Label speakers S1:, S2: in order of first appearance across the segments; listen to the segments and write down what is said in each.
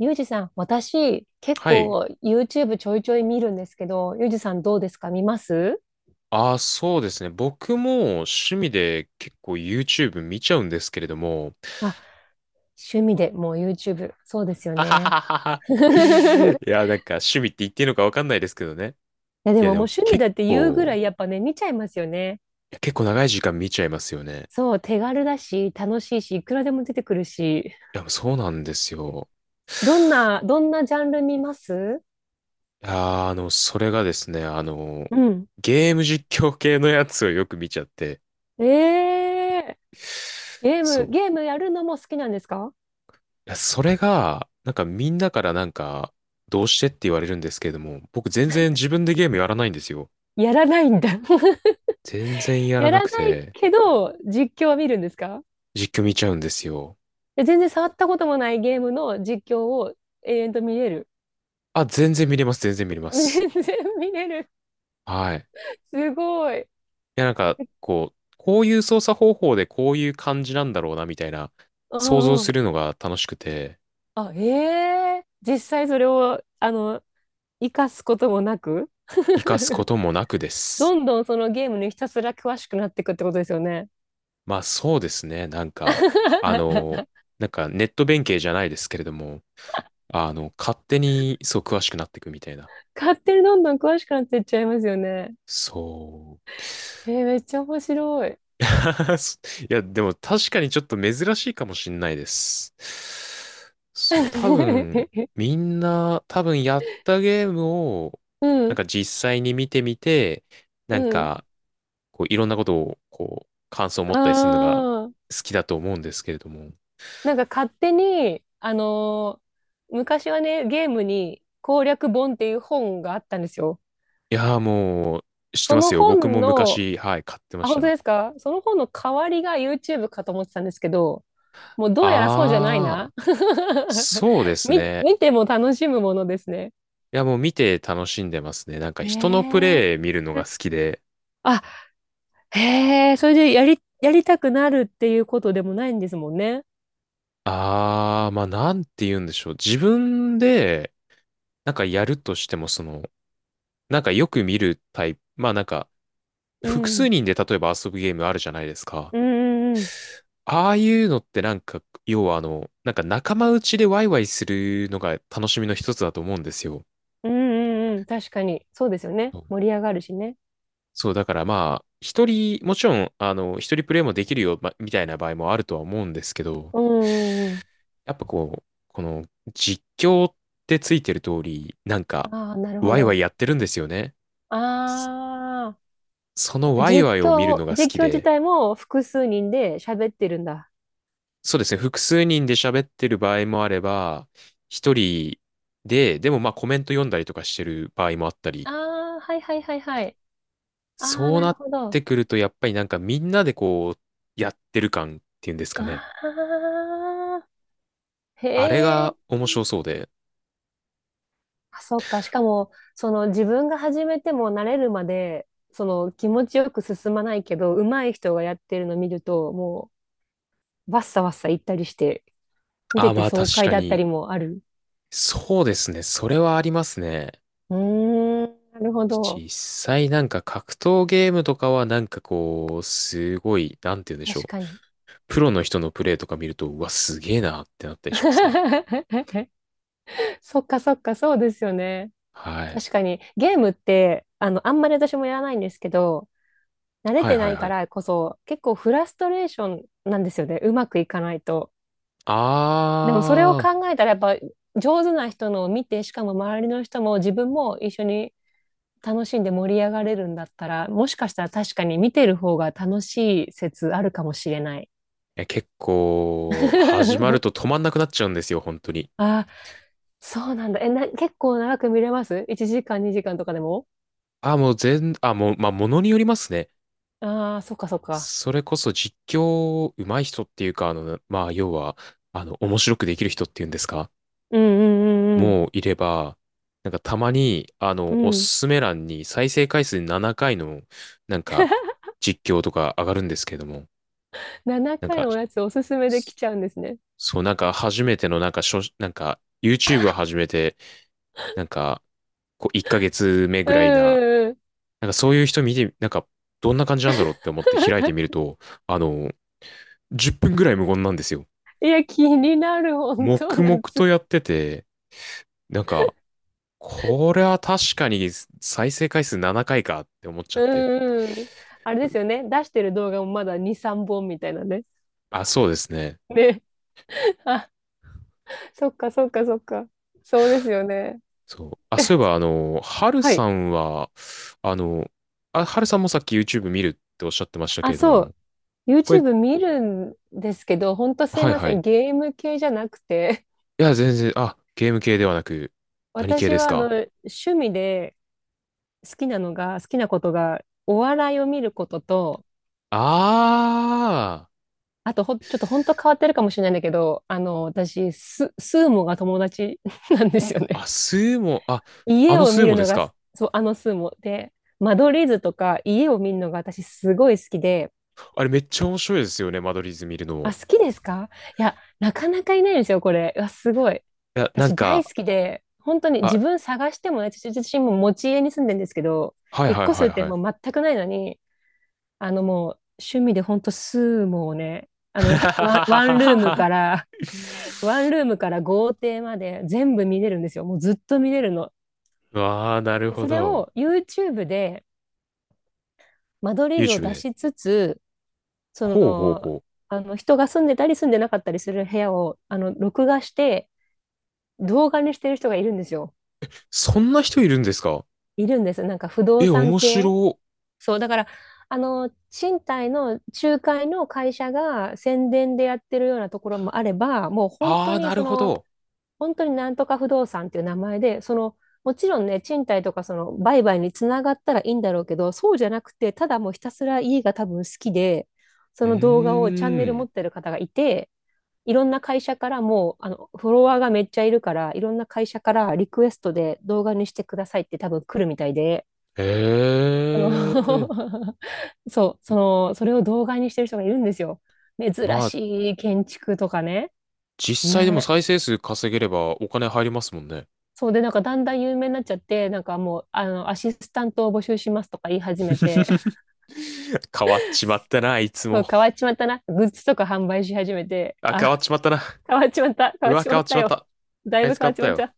S1: ゆうじさん、私、結
S2: はい。
S1: 構 YouTube ちょいちょい見るんですけど、ゆうじさんどうですか？見ます？
S2: ああ、そうですね。僕も趣味で結構 YouTube 見ちゃうんですけれども。
S1: あ、趣味でもう YouTube。そうです よ
S2: あは
S1: ね。
S2: ははは。
S1: い
S2: いや、なんか趣味って言っていいのかわかんないですけどね。
S1: や、で
S2: い
S1: も
S2: や、で
S1: もう
S2: も
S1: 趣味
S2: 結
S1: だって言うぐら
S2: 構、
S1: いやっぱね、見ちゃいますよね。
S2: いや結構長い時間見ちゃいますよね。
S1: そう、手軽だし、楽しいし、いくらでも出てくるし。
S2: いや、そうなんですよ。
S1: どんな、どんなジャンル見ます？
S2: いやー、それがですね、
S1: うん。
S2: ゲーム実況系のやつをよく見ちゃって。
S1: ええー、ゲー
S2: そ
S1: ム、
S2: う。
S1: ゲームやるのも好きなんですか？
S2: いやそれが、なんかみんなからなんか、どうしてって言われるんですけれども、僕全然自分でゲームやらないんですよ。
S1: やらないんだ。
S2: 全然やら
S1: や
S2: な
S1: ら
S2: く
S1: ない
S2: て、
S1: けど、実況は見るんですか？
S2: 実況見ちゃうんですよ。
S1: で全然触ったこともないゲームの実況を永遠と見れる。
S2: あ、全然見れます、全然見れ ま
S1: 全
S2: す。
S1: 然見れる。
S2: はい。い
S1: すごい。
S2: や、なんか、こう、こういう操作方法でこういう感じなんだろうな、みたいな、
S1: う
S2: 想像
S1: んう
S2: す
S1: ん。
S2: るのが楽しくて、
S1: あ、ええ、実際それを、生かすこともなく
S2: 活かすこ ともなくです。
S1: どんどんそのゲームにひたすら詳しくなっていくってことですよね。
S2: まあそうですね、なんか、あの、なんかネット弁慶じゃないですけれども、勝手にそう詳しくなっていくみたいな。
S1: 勝手にどんどん詳しくなっていっちゃいますよね。
S2: そう。
S1: めっちゃ面白い。
S2: いや、でも確かにちょっと珍しいかもしんないです。そう、多分、みんな、多分やったゲームを、
S1: う
S2: なん
S1: ん、
S2: か実際に見てみて、
S1: う
S2: なん
S1: ん。
S2: か、こう、いろんなことを、こう、感想を持
S1: あ
S2: ったりするのが
S1: あ。
S2: 好きだと思うんですけれども。
S1: なんか勝手に、昔はね、ゲームに攻略本っていう本があったんですよ。
S2: いやー、もう、知って
S1: そ
S2: ま
S1: の
S2: すよ。僕
S1: 本
S2: も
S1: の、
S2: 昔、はい、買ってま
S1: あ、
S2: し
S1: 本当
S2: た。
S1: ですか？その本の代わりが YouTube かと思ってたんですけど、もうどうやらそうじゃない
S2: あー、
S1: な。
S2: そうですね。
S1: 見ても楽しむものですね。
S2: いや、もう見て楽しんでますね。なんか
S1: へ
S2: 人のプ
S1: え。
S2: レイ見るのが好きで。
S1: あ、へえ、それでやりたくなるっていうことでもないんですもんね。
S2: あー、まあなんて言うんでしょう。自分で、なんかやるとしても、その、なんかよく見るタイプ、まあなんか、
S1: う
S2: 複数
S1: ん。
S2: 人で例えば遊ぶゲームあるじゃないですか。
S1: うんうんうん。
S2: ああいうのってなんか、要はあの、なんか仲間内でワイワイするのが楽しみの一つだと思うんですよ。
S1: うんうんうん。確かに。そうですよね。
S2: そう
S1: 盛り上がるしね。
S2: そう、だからまあ、一人、もちろん、一人プレイもできるよ、まみたいな場合もあるとは思うんですけど、
S1: うんうんうん。
S2: やっぱこう、この実況ってついてる通り、なんか、
S1: ああ、なるほ
S2: ワイワイ
S1: ど。
S2: やってるんですよね。そ
S1: あ
S2: その
S1: あ、
S2: ワイワイを見るのが好き
S1: 実況自
S2: で、
S1: 体も複数人で喋ってるんだ。
S2: そうですね、複数人で喋ってる場合もあれば、一人で、でもまあコメント読んだりとかしてる場合もあったり、
S1: ああ、はいはいはいはい。ああ、
S2: そう
S1: なる
S2: なっ
S1: ほど。
S2: てくると、やっぱりなんかみんなでこう、やってる感っていうんですか
S1: あ
S2: ね。
S1: あ、へ
S2: あれ
S1: え。
S2: が面白そうで、
S1: あ、そっか。しかも、その自分が始めても慣れるまで、その気持ちよく進まないけど、上手い人がやってるの見ると、もう、わっさわっさ行ったりして、見
S2: あ
S1: て
S2: あ
S1: て
S2: まあ
S1: 爽
S2: 確
S1: 快
S2: か
S1: だった
S2: に、
S1: りもある。
S2: そうですね、それはありますね。
S1: うーん、なるほど。
S2: 実際なんか格闘ゲームとかはなんかこう、すごい、なんて言うんでしょ
S1: 確
S2: う。
S1: かに。
S2: プロの人のプレイとか見ると、うわ、すげえなってなったりしますね。
S1: そっかそっか、そうですよね。
S2: はい。
S1: 確かに、ゲームって、あんまり私もやらないんですけど、慣れ
S2: はい
S1: てな
S2: はい
S1: い
S2: は
S1: か
S2: い。
S1: らこそ、結構フラストレーションなんですよね。うまくいかないと。でもそれを
S2: あ
S1: 考えたら、やっぱ上手な人のを見て、しかも周りの人も自分も一緒に楽しんで盛り上がれるんだったら、もしかしたら確かに見てる方が楽しい説あるかもしれない。
S2: ー、結構、始まると 止まんなくなっちゃうんですよ、本当に。
S1: あ、そうなんだ。結構長く見れます？ 1 時間、2時間とかでも。
S2: あー、もう全、あ、もう、まあ、ものによりますね。
S1: ああー、そっかそっか。
S2: それこそ実況上手い人っていうか、まあ、要は、面白くできる人っていうんですか？
S1: うんうんうん
S2: もういれば、なんかたまに、
S1: う
S2: お
S1: ん
S2: す
S1: うん。
S2: すめ欄に再生回数7回の、なんか、実況とか上がるんですけども、
S1: 7
S2: なん
S1: 回
S2: か、
S1: のおやつおすすめできちゃうんですね。
S2: そう、なんか初めての、なんか、なんか、YouTube を始めて、なんか、こう、1ヶ月目
S1: う
S2: ぐらいな、
S1: んうんう
S2: なんかそういう人見て、なんか、どんな感じなんだろうって思って開いてみると、あの、10分ぐらい無言なんですよ。
S1: ん。いや、気になる、本当
S2: 黙々と
S1: 夏。
S2: やってて、なんか、これは確かに再生回数7回かいかって思っちゃっ
S1: う
S2: て。
S1: んうん。あれですよね。出してる動画もまだ2、3本みたいなね。
S2: あ、そうですね。
S1: ね。あ、そっかそっかそっか。そうですよね。
S2: そう。あ、そういえば、ハル
S1: は
S2: さ
S1: い。
S2: んは、あの、ハルさんもさっき YouTube 見るっておっしゃってましたけ
S1: あ、
S2: れど
S1: そう。
S2: も、これ、
S1: YouTube 見るんですけど、本当すい
S2: はい
S1: ま
S2: は
S1: せ
S2: い。
S1: ん。
S2: い
S1: ゲーム系じゃなくて、
S2: や、全然、あ、ゲーム系ではなく、何系
S1: 私
S2: です
S1: は
S2: か？
S1: 趣味で好きなのが、好きなことが、お笑いを見ることと、
S2: あ
S1: あとほん、ちょっと本当変わってるかもしれないんだけど、私、スーモが友達 なんですよ
S2: ー、
S1: ね。
S2: あ、スーモ、あ、あ
S1: 家
S2: の
S1: を
S2: スー
S1: 見る
S2: モで
S1: の
S2: す
S1: が、
S2: か？
S1: そう、あのスーモで、間取り図とか家を見るのが私すごい好きで、
S2: あれめっちゃ面白いですよね、間取り図見る
S1: あ、
S2: の。
S1: 好きですか？いや、なかなかいないんですよ、これ。うわ、すごい。
S2: いや、なん
S1: 私大好
S2: か、
S1: きで、本当に自
S2: あ、
S1: 分探してもね、私自身も持ち家に住んでるんですけど、
S2: はい
S1: 引っ
S2: はい
S1: 越す
S2: はい
S1: って
S2: はい。
S1: もう全くないのに、もう趣味で本当スーモをね、あの、ひワン、ワンルームからワンルームから豪邸まで全部見れるんですよ。もうずっと見れるの。
S2: わあ、なる
S1: で
S2: ほ
S1: それ
S2: ど。
S1: を YouTube で間取り図を
S2: YouTube
S1: 出
S2: で。
S1: しつつ、そ
S2: ほうほう
S1: の、
S2: ほう。
S1: あの人が住んでたり住んでなかったりする部屋を録画して動画にしてる人がいるんですよ。
S2: そんな人いるんですか？
S1: いるんです。なんか不動
S2: え、
S1: 産
S2: 面
S1: 系。
S2: 白。
S1: そう、だから、賃貸の仲介の会社が宣伝でやってるようなところもあれば、もう本
S2: あ
S1: 当
S2: あ、
S1: に
S2: なるほど。
S1: 本当になんとか不動産っていう名前で、もちろんね、賃貸とかその売買につながったらいいんだろうけど、そうじゃなくて、ただもうひたすら家が多分好きで、そ
S2: う
S1: の動画をチャンネル
S2: ー
S1: 持
S2: ん。
S1: ってる方がいて、いろんな会社からもう、フォロワーがめっちゃいるから、いろんな会社からリクエストで動画にしてくださいって多分来るみたいで、
S2: え
S1: あの
S2: え。
S1: そう、それを動画にしてる人がいるんですよ。珍
S2: まあ、
S1: しい建築とかね。
S2: 実際でも
S1: な
S2: 再生数稼げればお金入りますもんね。
S1: そうで、なんかだんだん有名になっちゃって、なんかもう、アシスタントを募集しますとか言い始めて、
S2: 変わっちまったな、あいつ
S1: そ
S2: も。
S1: う変わっちまったな。グッズとか販売し始めて、
S2: あ、変
S1: あ、
S2: わっちまったな。
S1: 変わっちまった、変
S2: う
S1: わっ
S2: わ、
S1: ち
S2: 変
S1: ま
S2: わ
S1: っ
S2: っち
S1: た
S2: まっ
S1: よ。
S2: た。
S1: だ
S2: あ
S1: い
S2: い
S1: ぶ
S2: つ
S1: 変
S2: 変
S1: わ
S2: わ
S1: っ
S2: っ
S1: ち
S2: た
S1: まっ
S2: よ。
S1: た。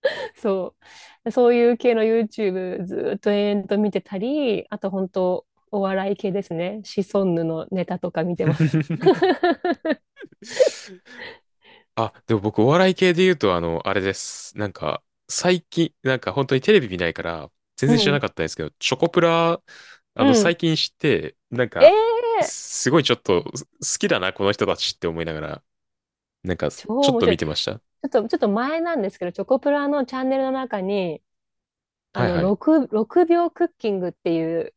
S1: そう。そういう系の YouTube ずーっと延々と見てたり、あと本当お笑い系ですね。シソンヌのネタとか見てます。
S2: あ、でも僕お笑い系で言うと、あれです。なんか、最近、なんか本当にテレビ見ないから、全
S1: う
S2: 然知らな
S1: ん。
S2: かったんですけど、チョコプラ、
S1: うん。
S2: 最近知って、なん
S1: ええ
S2: か、
S1: ー、
S2: すごいちょっと好きだな、この人たちって思いながら、なんか、ち
S1: 超
S2: ょっ
S1: 面
S2: と
S1: 白
S2: 見
S1: い。ち
S2: てました。
S1: ょっと、ちょっと前なんですけど、チョコプラのチャンネルの中に、
S2: はいはい。
S1: 6秒クッキングっていう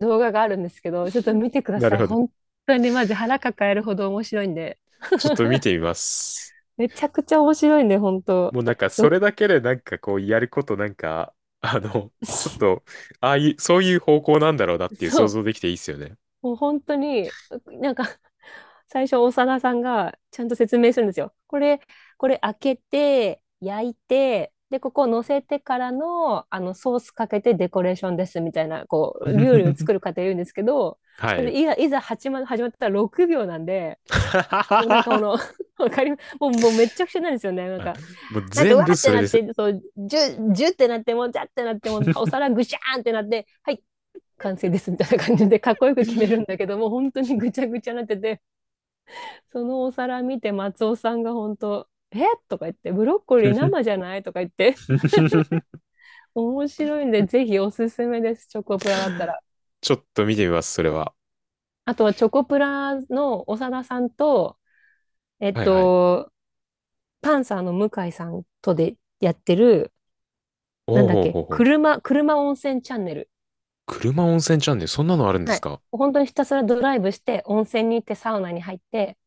S1: 動画があるんですけど、ちょっと見てくだ
S2: な
S1: さ
S2: る
S1: い。
S2: ほど。
S1: 本当にマジ腹抱えるほど面白いんで。
S2: ちょっと見てみます。
S1: めちゃくちゃ面白いんで、本当。
S2: もうなんか、そ
S1: ろ
S2: れだけでなんかこう、やることなんか、あの、ちょっと、ああいう、そういう方向なんだろうなっていう
S1: そ
S2: 想
S1: う。
S2: 像できていいっすよね。
S1: もう本当に、なんか最初、長田さんがちゃんと説明するんですよ。これ開けて、焼いて、で、ここを乗せてからの、ソースかけてデコレーションですみたいな、こう、料理を作 る過程言うんですけど、
S2: はい。
S1: で、いざ、いざ始ま、始まったら6秒なんで、もうなんかこ の わかりますもう、もうめっちゃくちゃなんですよね。
S2: あもう
S1: なんかう
S2: 全
S1: わ
S2: 部
S1: ーって
S2: それ
S1: なっ
S2: です。
S1: て、そう、ジュ、ジュってなって、もうジャってなって、もうお 皿ぐしゃーんってなって、はい、完成ですみたいな感じで、かっこよく決めるんだけど、もう本当にぐちゃぐちゃになってて、そのお皿見て松尾さんが本当、えとか言って、ブロッコリー生じゃないとか言って、面白いんで、ぜひおすすめです、チョコプラだったら。
S2: ちょっと見てみます、それは。
S1: あとはチョコプラの長田さんと、えっ
S2: はいはい。
S1: と、パンサーの向井さんとでやってる、な
S2: おう
S1: んだっ
S2: ほう
S1: け、
S2: ほうほう。
S1: 車温泉チャンネル。
S2: 車温泉チャンネル、そんなのあるんで
S1: は
S2: す
S1: い。
S2: か？
S1: 本当にひたすらドライブして、温泉に行って、サウナに入って、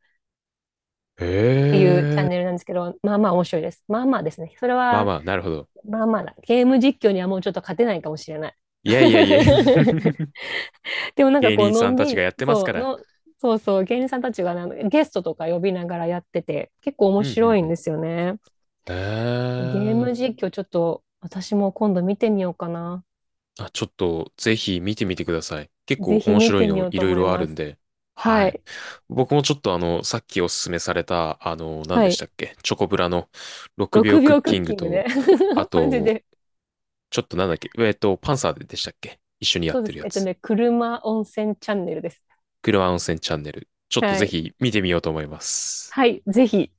S2: へ
S1: っていうチャン
S2: え。
S1: ネルなんですけど、まあまあ面白いです。まあまあですね。それ
S2: まあ
S1: は、
S2: まあ、なるほど。
S1: まあまあだ。ゲーム実況にはもうちょっと勝てないかもしれない。
S2: いやいやいや。
S1: でもなんか
S2: 芸
S1: こう、
S2: 人
S1: の
S2: さん
S1: ん
S2: た
S1: び
S2: ち
S1: り、
S2: がやってますか
S1: そう、
S2: ら。
S1: の、そうそう、芸人さんたちがなゲストとか呼びながらやってて、結構
S2: う
S1: 面
S2: んう
S1: 白
S2: ん
S1: い
S2: う
S1: ん
S2: ん。
S1: ですよね。
S2: へ
S1: ゲー
S2: え。
S1: ム実況ちょっと私も今度見てみようかな。
S2: あ、ちょっとぜひ見てみてください。結
S1: ぜ
S2: 構
S1: ひ
S2: 面
S1: 見
S2: 白い
S1: てみ
S2: の
S1: よう
S2: い
S1: と
S2: ろい
S1: 思い
S2: ろあ
S1: ま
S2: るん
S1: す。
S2: で。は
S1: は
S2: い。
S1: い。
S2: 僕もちょっとあの、さっきおすすめされた、あの、何
S1: は
S2: でし
S1: い。
S2: たっけチョコブラの6秒
S1: 6
S2: クッ
S1: 秒ク
S2: キ
S1: ッ
S2: ング
S1: キング
S2: と、
S1: ね。
S2: あ
S1: マジ
S2: と、
S1: で。
S2: ちょっとなんだっけパンサーでしたっけ一緒にやっ
S1: そうで
S2: てる
S1: す。
S2: やつ。
S1: 車温泉チャンネルです。
S2: 車温泉チャンネル。ちょっと
S1: は
S2: ぜ
S1: い。
S2: ひ見てみようと思います。
S1: はい。ぜひ、